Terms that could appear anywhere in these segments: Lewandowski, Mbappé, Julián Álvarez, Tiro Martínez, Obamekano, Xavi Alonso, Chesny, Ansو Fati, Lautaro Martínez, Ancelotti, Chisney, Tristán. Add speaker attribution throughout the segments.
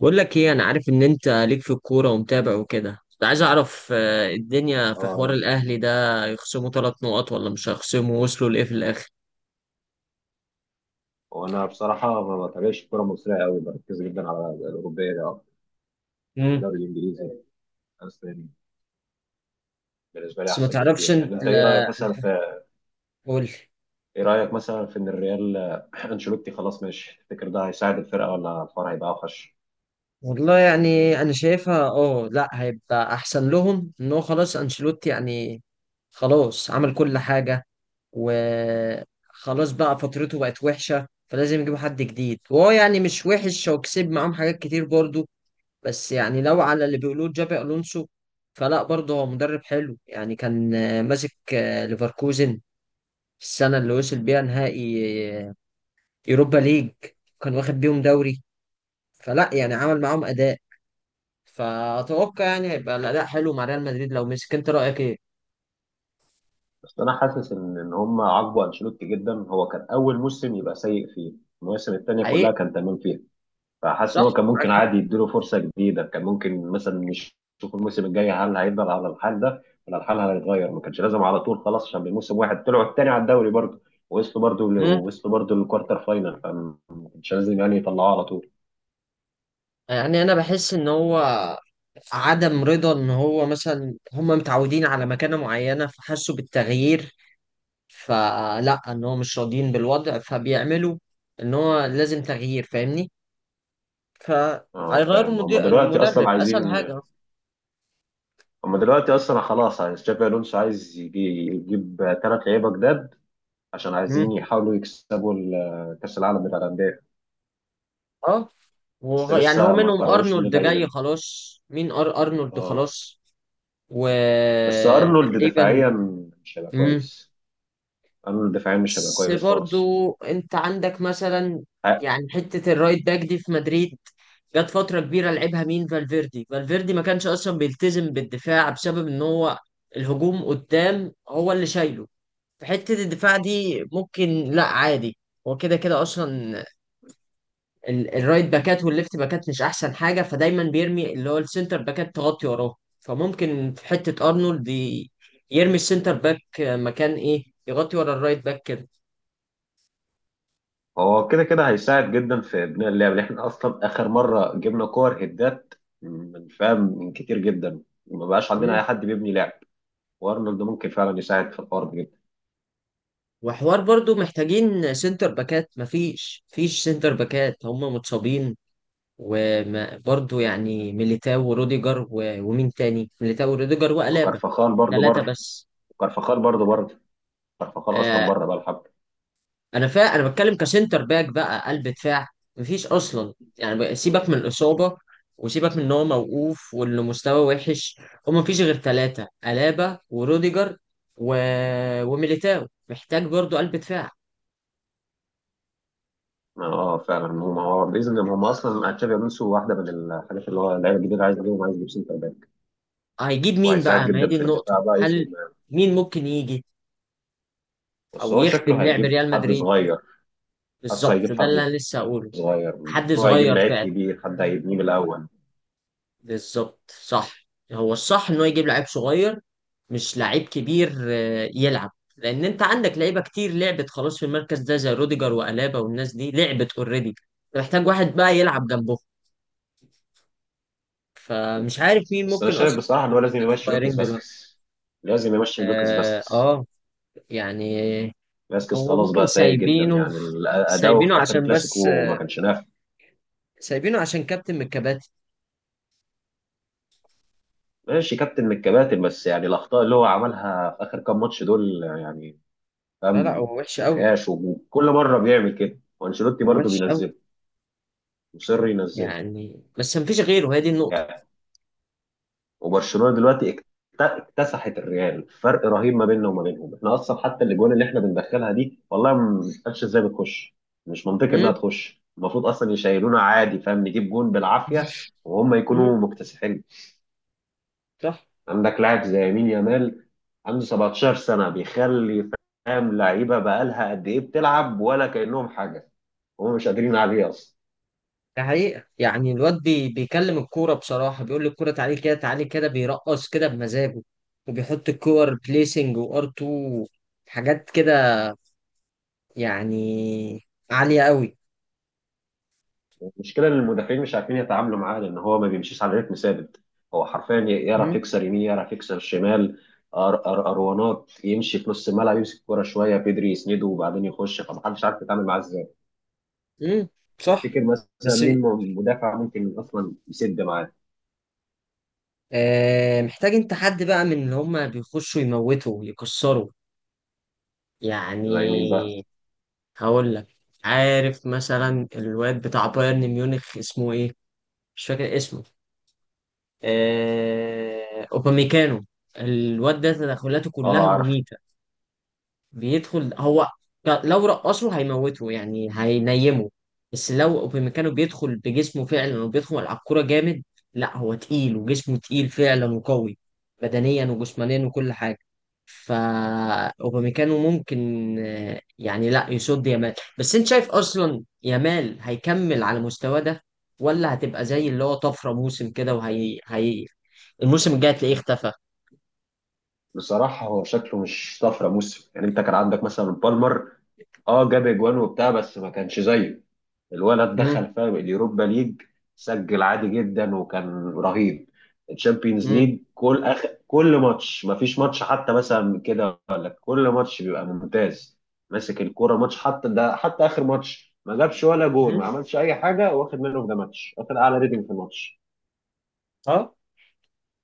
Speaker 1: بقول لك ايه، انا عارف ان انت ليك في الكوره ومتابع وكده. كنت عايز اعرف الدنيا في حوار
Speaker 2: اه.
Speaker 1: الاهلي ده يخصموا ثلاث نقط ولا مش هيخصموا، وصلوا لايه في الاخر؟
Speaker 2: وانا بصراحه ما بتابعش الكره المصريه قوي، بركز جدا على الاوروبيه ده أكتر. يعني
Speaker 1: امم
Speaker 2: الدوري الانجليزي الاسباني بالنسبه لي
Speaker 1: بس ما
Speaker 2: احسن
Speaker 1: تعرفش
Speaker 2: بكتير،
Speaker 1: انت،
Speaker 2: يعني انت ايه
Speaker 1: لا،
Speaker 2: رايك مثلا في
Speaker 1: قول.
Speaker 2: ايه رايك مثلا في ان الريال انشيلوتي خلاص ماشي، تفتكر ده هيساعد الفرقه ولا الفرع هيبقى اوحش؟
Speaker 1: والله يعني انا شايفها، اه لا هيبقى احسن لهم ان هو خلاص انشيلوتي، يعني خلاص عمل كل حاجه وخلاص بقى، فترته بقت وحشه فلازم يجيبوا حد جديد، وهو يعني مش وحش وكسب معاهم حاجات كتير برضو. بس يعني لو على اللي بيقولوه جابي الونسو، فلا برضه هو مدرب حلو يعني. كان ماسك ليفركوزن في السنه اللي وصل بيها نهائي آه، يوروبا ليج، كان واخد بيهم دوري، فلا يعني عمل معاهم اداء. فاتوقع يعني هيبقى الاداء حلو مع ريال مدريد لو مسك. انت رايك ايه؟
Speaker 2: بس انا حاسس ان هم عاقبوا انشيلوتي جدا، هو كان اول موسم يبقى سيء فيه، المواسم الثانيه كلها
Speaker 1: حقيقي.
Speaker 2: كان تمام فيها. فحاسس ان
Speaker 1: صح،
Speaker 2: هو كان
Speaker 1: معاك
Speaker 2: ممكن
Speaker 1: حق.
Speaker 2: عادي يديله فرصه جديده، كان ممكن مثلا نشوف الموسم الجاي هل هيفضل على الحال ده ولا الحال هيتغير. ما كانش لازم على طول خلاص، عشان بموسم واحد طلعوا التاني على الدوري برضه ووصلوا برضه
Speaker 1: مم.
Speaker 2: ووصلوا برضه للكوارتر فاينل، فما كانش لازم يعني يطلعوه على طول.
Speaker 1: يعني انا بحس ان هو عدم رضا، ان هو مثلا هم متعودين على مكانة معينة فحسوا بالتغيير، فلا ان هو مش راضيين بالوضع فبيعملوا ان هو لازم تغيير، فاهمني؟
Speaker 2: اه
Speaker 1: فهيغيروا
Speaker 2: فاهم، هم
Speaker 1: المدير
Speaker 2: دلوقتي
Speaker 1: المدرب،
Speaker 2: اصلا
Speaker 1: اسهل
Speaker 2: عايزين
Speaker 1: حاجه.
Speaker 2: هم دلوقتي اصلا خلاص عايز تشافي الونسو، عايز يجيب ثلاث لعيبه جداد عشان عايزين
Speaker 1: مم.
Speaker 2: يحاولوا يكسبوا كاس العالم بتاع الانديه.
Speaker 1: اه.
Speaker 2: بس
Speaker 1: يعني هو
Speaker 2: لسه ما
Speaker 1: منهم
Speaker 2: قرروش مين
Speaker 1: ارنولد
Speaker 2: اللعيبه
Speaker 1: جاي
Speaker 2: دي.
Speaker 1: خلاص، مين ارنولد
Speaker 2: اه،
Speaker 1: خلاص.
Speaker 2: بس ارنولد
Speaker 1: وتقريبا.
Speaker 2: دفاعيا مش هيبقى كويس، ارنولد دفاعيا مش هيبقى
Speaker 1: بس
Speaker 2: كويس خالص.
Speaker 1: برضو انت عندك مثلا،
Speaker 2: ه-
Speaker 1: يعني حتة الرايت باك دي في مدريد جت فترة كبيرة لعبها مين، فالفيردي. ما كانش اصلا بيلتزم بالدفاع بسبب ان هو الهجوم قدام هو اللي شايله. في حتة الدفاع دي ممكن لا عادي، هو كده كده اصلا الرايت باكات والليفت باكات مش احسن حاجة، فدايما بيرمي اللي هو السنتر باكات تغطي وراه. فممكن في حتة ارنولد يرمي السنتر باك مكان ايه، يغطي ورا الرايت باك كده.
Speaker 2: هو كده كده هيساعد جدا في بناء اللعب، لأن احنا اصلا اخر مره جبنا كور هدات من فاهم من كتير جدا، ما بقاش عندنا اي حد بيبني لعب. وارنولد ممكن فعلا يساعد في الحوار ده جدا.
Speaker 1: وحوار برضو محتاجين سنتر باكات، مفيش سنتر باكات، هم متصابين. وبرضو يعني ميليتاو وروديجر ومين تاني، ميليتاو وروديجر وألابا.
Speaker 2: وكارفخال برضه
Speaker 1: ثلاثة
Speaker 2: بره
Speaker 1: بس.
Speaker 2: كارفخال برضه بره كارفخال اصلا
Speaker 1: آه.
Speaker 2: بره بقى الحب.
Speaker 1: أنا بتكلم كسنتر باك بقى، قلب دفاع. مفيش أصلا يعني سيبك من الإصابة، وسيبك من إن هو موقوف وإنه مستواه وحش. هم مفيش غير ثلاثة، ألابا وروديجر و... وميليتاو، محتاج برضو قلب دفاع.
Speaker 2: اه فعلا، هم هو باذن الله هم اصلا تشابي الونسو واحده من الحاجات اللي هو اللعيبه الجديده عايز يجيبهم، عايز يجيب سنتر باك
Speaker 1: هيجيب مين
Speaker 2: وهيساعد
Speaker 1: بقى؟ ما هي
Speaker 2: جدا
Speaker 1: دي
Speaker 2: في الدفاع
Speaker 1: النقطة.
Speaker 2: بقى
Speaker 1: هل
Speaker 2: يسند.
Speaker 1: مين ممكن يجي
Speaker 2: بس
Speaker 1: او
Speaker 2: هو شكله
Speaker 1: يخدم لعب
Speaker 2: هيجيب
Speaker 1: ريال
Speaker 2: حد
Speaker 1: مدريد؟
Speaker 2: صغير، حاسه
Speaker 1: بالظبط،
Speaker 2: هيجيب
Speaker 1: ده اللي
Speaker 2: حد
Speaker 1: انا لسه هقوله.
Speaker 2: صغير،
Speaker 1: حد
Speaker 2: هو هيجيب
Speaker 1: صغير
Speaker 2: لعيب
Speaker 1: فعلا.
Speaker 2: كبير، حد هيبنيه من الاول.
Speaker 1: بالظبط صح. هو الصح انه يجيب لعيب صغير، مش لعيب كبير يلعب. لان انت عندك لعيبه كتير لعبت خلاص في المركز ده، زي روديجر والابا والناس دي لعبت اوريدي. محتاج واحد بقى يلعب جنبه، فمش عارف مين
Speaker 2: بس انا
Speaker 1: ممكن
Speaker 2: شايف
Speaker 1: اصلا.
Speaker 2: بصراحه ان هو لازم
Speaker 1: باكات
Speaker 2: يمشي لوكس
Speaker 1: صغيرين دلوقتي.
Speaker 2: باسكس لازم يمشي لوكس
Speaker 1: اه,
Speaker 2: باسكس
Speaker 1: آه. يعني.
Speaker 2: باسكس
Speaker 1: هو
Speaker 2: خلاص
Speaker 1: ممكن
Speaker 2: بقى سيء جدا،
Speaker 1: سايبينه،
Speaker 2: يعني اداؤه في
Speaker 1: سايبينه
Speaker 2: اخر
Speaker 1: عشان بس
Speaker 2: كلاسيكو ما كانش نافع.
Speaker 1: سايبينه عشان كابتن من الكباتن.
Speaker 2: ماشي، كابتن من الكباتن، بس يعني الاخطاء اللي هو عملها في اخر كام ماتش دول يعني
Speaker 1: لا لا،
Speaker 2: فاهم
Speaker 1: هو وحش
Speaker 2: ما
Speaker 1: قوي.
Speaker 2: فيهاش. وكل مره بيعمل كده وانشيلوتي
Speaker 1: هو
Speaker 2: برضه
Speaker 1: وحش قوي.
Speaker 2: بينزله، مصر ينزله
Speaker 1: يعني بس مفيش غيره، هي دي النقطة.
Speaker 2: يعني. وبرشلونه دلوقتي اكتسحت الريال، فرق رهيب ما بيننا وما بينهم. احنا اصلا حتى الاجوان اللي احنا بندخلها دي والله ما بنفهمش ازاي بتخش، مش منطقي انها
Speaker 1: مم.
Speaker 2: تخش، المفروض اصلا يشيلونا عادي فاهم، نجيب جون بالعافيه وهم
Speaker 1: مم.
Speaker 2: يكونوا مكتسحين.
Speaker 1: صح.
Speaker 2: عندك لاعب زي يمين يامال، عنده 17 سنه بيخلي فاهم لعيبه بقالها قد ايه بتلعب ولا كانهم حاجه، هم مش قادرين عليه اصلا.
Speaker 1: ده حقيقة، يعني الواد بي بيكلم الكورة بصراحة، بيقول الكورة تعالي كده تعالي كده، بيرقص كده بمزاجه وبيحط الكور بليسنج وار 2، حاجات كده، يعني عالية قوي.
Speaker 2: المشكله ان المدافعين مش عارفين يتعاملوا معاه لان هو ما بيمشيش على رتم ثابت، هو حرفيا يعرف
Speaker 1: مم.
Speaker 2: يكسر يمين، يعرف يكسر شمال. أر أر أروانات يمشي في نص الملعب، يمسك الكوره شويه بيدري يسنده وبعدين يخش، فمحدش عارف يتعامل معاه ازاي.
Speaker 1: مم. صح.
Speaker 2: تفتكر مثلا
Speaker 1: بس
Speaker 2: مين مدافع ممكن اصلا يسد معاه؟
Speaker 1: آه محتاج انت حد بقى من اللي هما بيخشوا يموتوا يكسروا،
Speaker 2: زي مين بقى؟
Speaker 1: يعني. هقول لك، عارف مثلا الواد بتاع بايرن ميونخ اسمه ايه؟ مش فاكر اسمه. اوباميكانو. الواد ده تدخلاته كلها
Speaker 2: اه عارف.
Speaker 1: مميتة. بيدخل هو، لو رقصه هيموته يعني هينيمه. بس لو اوبامكانو بيدخل بجسمه فعلا وبيدخل على الكوره جامد، لا هو تقيل وجسمه تقيل فعلا وقوي، بدنيا وجسمانيا وكل حاجه. فا اوبامكانو ممكن يعني لا يصد يامال. بس انت شايف اصلا يامال هيكمل على المستوى ده، ولا هتبقى زي اللي هو طفره موسم كده وهي هي، الموسم الجاي هتلاقيه اختفى؟
Speaker 2: بصراحه هو شكله مش طفره موسم، يعني انت كان عندك مثلا بالمر، اه جاب اجوان وبتاع بس ما كانش زيه. الولد
Speaker 1: مم.
Speaker 2: دخل فاهم اليوروبا ليج، سجل عادي جدا وكان رهيب. الشامبيونز
Speaker 1: مم.
Speaker 2: ليج كل كل ماتش، ما فيش ماتش حتى مثلا كده ولا كل ماتش بيبقى ممتاز، ماسك الكوره ماتش حتى ده، حتى اخر ماتش ما جابش ولا جول، ما
Speaker 1: مم.
Speaker 2: عملش اي حاجه، واخد منه في ده ماتش واخد اعلى ريتنج في الماتش.
Speaker 1: اه.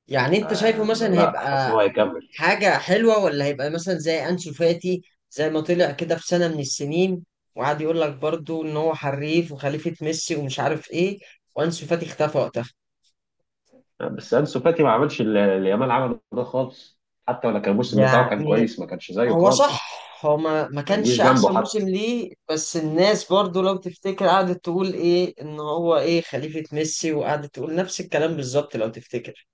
Speaker 1: يعني انت شايفه
Speaker 2: آه ما
Speaker 1: مثلا
Speaker 2: لا، حاسس ان
Speaker 1: هيبقى
Speaker 2: هو هيكمل.
Speaker 1: حاجة حلوة، ولا هيبقى مثلا زي أنسو فاتي، زي ما طلع كده في سنة من السنين وقعد يقول لك برضو إن هو حريف وخليفة ميسي ومش عارف إيه، وأنسو فاتي اختفى وقتها.
Speaker 2: بس انسو فاتي ما عملش اللي يامال عمله ده خالص، حتى ولا كان الموسم بتاعه كان
Speaker 1: يعني
Speaker 2: كويس، ما كانش زيه
Speaker 1: هو صح،
Speaker 2: خالص،
Speaker 1: هو ما
Speaker 2: ما يجيش
Speaker 1: كانش أحسن
Speaker 2: جنبه
Speaker 1: موسم
Speaker 2: حتى.
Speaker 1: ليه، بس الناس برضو لو تفتكر قعدت تقول إيه، إن هو إيه خليفة ميسي، وقعدت تقول نفس الكلام بالظبط لو تفتكر.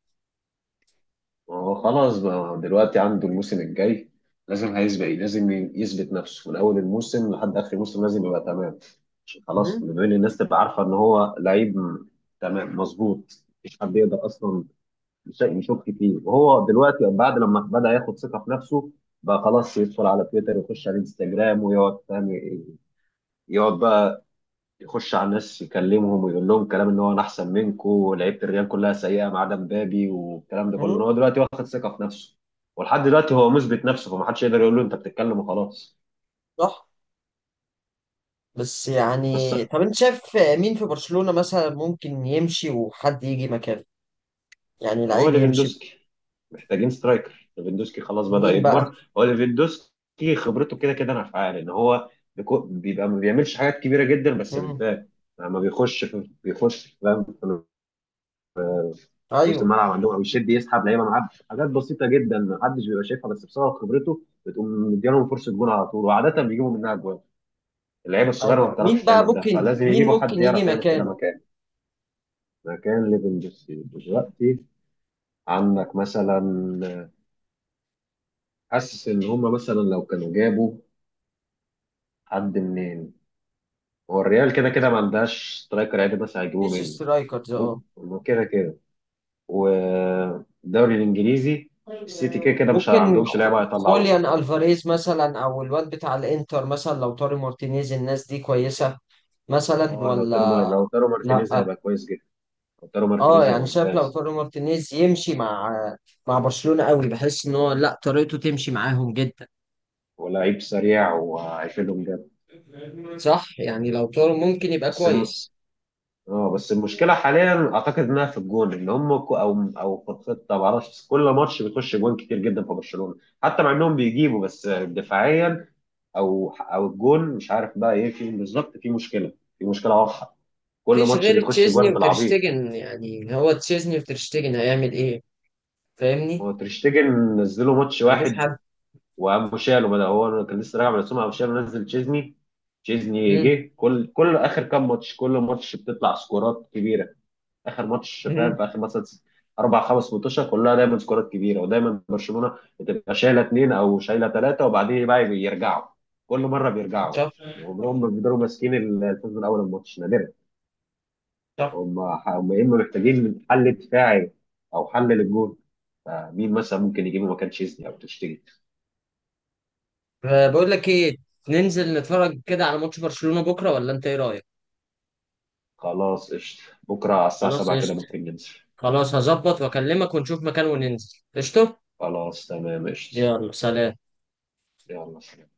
Speaker 2: هو خلاص بقى دلوقتي عنده الموسم الجاي لازم هيسبق، لازم يثبت نفسه من اول الموسم لحد اخر الموسم، لازم يبقى تمام، عشان خلاص
Speaker 1: مم،
Speaker 2: بين الناس تبقى عارفه ان هو لعيب تمام مظبوط، مفيش حد يقدر اصلا يشك فيه. وهو دلوقتي بعد لما بدا ياخد ثقه في نفسه بقى خلاص، يدخل على تويتر ويخش على انستجرام ويقعد فاهم، يقعد بقى يخش على الناس يكلمهم ويقول لهم كلام ان هو انا احسن منكم ولعيبه الريال كلها سيئه ما عدا مبابي، والكلام ده كله إن
Speaker 1: مم،
Speaker 2: هو دلوقتي واخد ثقه في نفسه. ولحد دلوقتي هو مثبت نفسه، فما حدش يقدر يقول له انت بتتكلم وخلاص.
Speaker 1: صح. بس
Speaker 2: بس
Speaker 1: يعني طب أنت شايف مين في برشلونة مثلا ممكن يمشي وحد يجي مكانه، يعني
Speaker 2: هو
Speaker 1: لعيب يمشي؟
Speaker 2: ليفاندوسكي، محتاجين سترايكر، ليفاندوسكي خلاص بدأ
Speaker 1: مين بقى؟
Speaker 2: يكبر. هو ليفاندوسكي خبرته كده كده نافعه، ان هو بيبقى ما بيعملش حاجات كبيره جدا بس
Speaker 1: مم.
Speaker 2: بتبان لما بيخش في، بيخش فاهم نص
Speaker 1: ايوه.
Speaker 2: الملعب عندهم او يشد يسحب لعيبه معاه، حاجات بسيطه جدا محدش بيبقى شايفها بس بسبب خبرته بتقوم مديلهم فرصه جول على طول، وعاده بيجيبوا منها جوان. اللعيبه الصغيره ما
Speaker 1: ايوه مين
Speaker 2: بتعرفش
Speaker 1: بقى
Speaker 2: تعمل ده،
Speaker 1: ممكن،
Speaker 2: فلازم
Speaker 1: مين
Speaker 2: يجيبوا حد
Speaker 1: ممكن يجي
Speaker 2: يعرف يعمل كده
Speaker 1: مكانه؟
Speaker 2: مكان، مكان ليفاندوسكي دلوقتي. عندك مثلا، حاسس ان هم مثلا لو كانوا جابوا حد منين. هو الريال كده كده ما عندهاش سترايكر عادي، بس هيجيبوه
Speaker 1: مفيش
Speaker 2: منه
Speaker 1: سترايكرز اه.
Speaker 2: ممكن كده كده، والدوري الانجليزي السيتي كده كده مش
Speaker 1: ممكن
Speaker 2: عندهمش لعيبه
Speaker 1: خوليان
Speaker 2: هيطلعوها.
Speaker 1: الفاريز مثلا، او الواد بتاع الانتر مثلا، لو طاري مارتينيز، الناس دي كويسه مثلا
Speaker 2: اه لو
Speaker 1: ولا
Speaker 2: لو تيرو
Speaker 1: لا؟
Speaker 2: مارتينيز هيبقى كويس جدا، لو تيرو
Speaker 1: اه
Speaker 2: مارتينيز هيبقى
Speaker 1: يعني شايف لو
Speaker 2: ممتاز،
Speaker 1: طاري مارتينيز يمشي مع مع برشلونه قوي، بحس ان هو لا طريقته تمشي معاهم جدا.
Speaker 2: ولعيب سريع وهيفيدهم جامد.
Speaker 1: صح يعني لو طارو ممكن يبقى
Speaker 2: بس الم...
Speaker 1: كويس.
Speaker 2: اه، بس المشكله حاليا اعتقد انها في الجون، ان هم او في الخطه ما اعرفش، كل ماتش بيخش جوان كتير جدا في برشلونه حتى مع انهم بيجيبوا، بس دفاعيا او او الجون مش عارف بقى ايه فيهم بالظبط. في مشكله واضحه، كل
Speaker 1: مفيش
Speaker 2: ماتش
Speaker 1: غير
Speaker 2: بيخش
Speaker 1: تشيزني
Speaker 2: جوان بالعبيط.
Speaker 1: وترشتجن، يعني هو تشيزني وترشتجن هيعمل ايه؟ فاهمني.
Speaker 2: هو تريشتجن نزله ماتش
Speaker 1: ما عندوش
Speaker 2: واحد،
Speaker 1: حد.
Speaker 2: وابو شالو بدأ، هو كان لسه راجع من السومه. ابو شالو نزل تشيزني، تشيزني
Speaker 1: مم.
Speaker 2: جه كل اخر كام ماتش، كل ماتش بتطلع سكورات كبيره، اخر ماتش فاهم
Speaker 1: مم.
Speaker 2: في اخر مثلا اربع خمس ماتشات كلها دايما سكورات كبيره، ودايما برشلونه بتبقى شايله اثنين او شايله ثلاثه وبعدين بقى بيرجعوا، كل مره بيرجعوا،
Speaker 1: صح.
Speaker 2: عمرهم ما بيقدروا ماسكين الفوز من اول الماتش، نادرا.
Speaker 1: صح.
Speaker 2: هم هم يا اما محتاجين من حل دفاعي او حل للجون. فمين مثلا ممكن يجيبه مكان تشيزني او تشتري؟
Speaker 1: بقول لك ايه، ننزل نتفرج كده على ماتش برشلونة بكرة، ولا انت ايه رأيك؟
Speaker 2: خلاص قشطة، بكرة على الساعة
Speaker 1: خلاص
Speaker 2: 7 كده
Speaker 1: قشطة.
Speaker 2: ممكن ننزل.
Speaker 1: خلاص هظبط واكلمك ونشوف مكان وننزل، قشطة.
Speaker 2: خلاص تمام قشطة.
Speaker 1: يلا سلام.
Speaker 2: يلا سلام.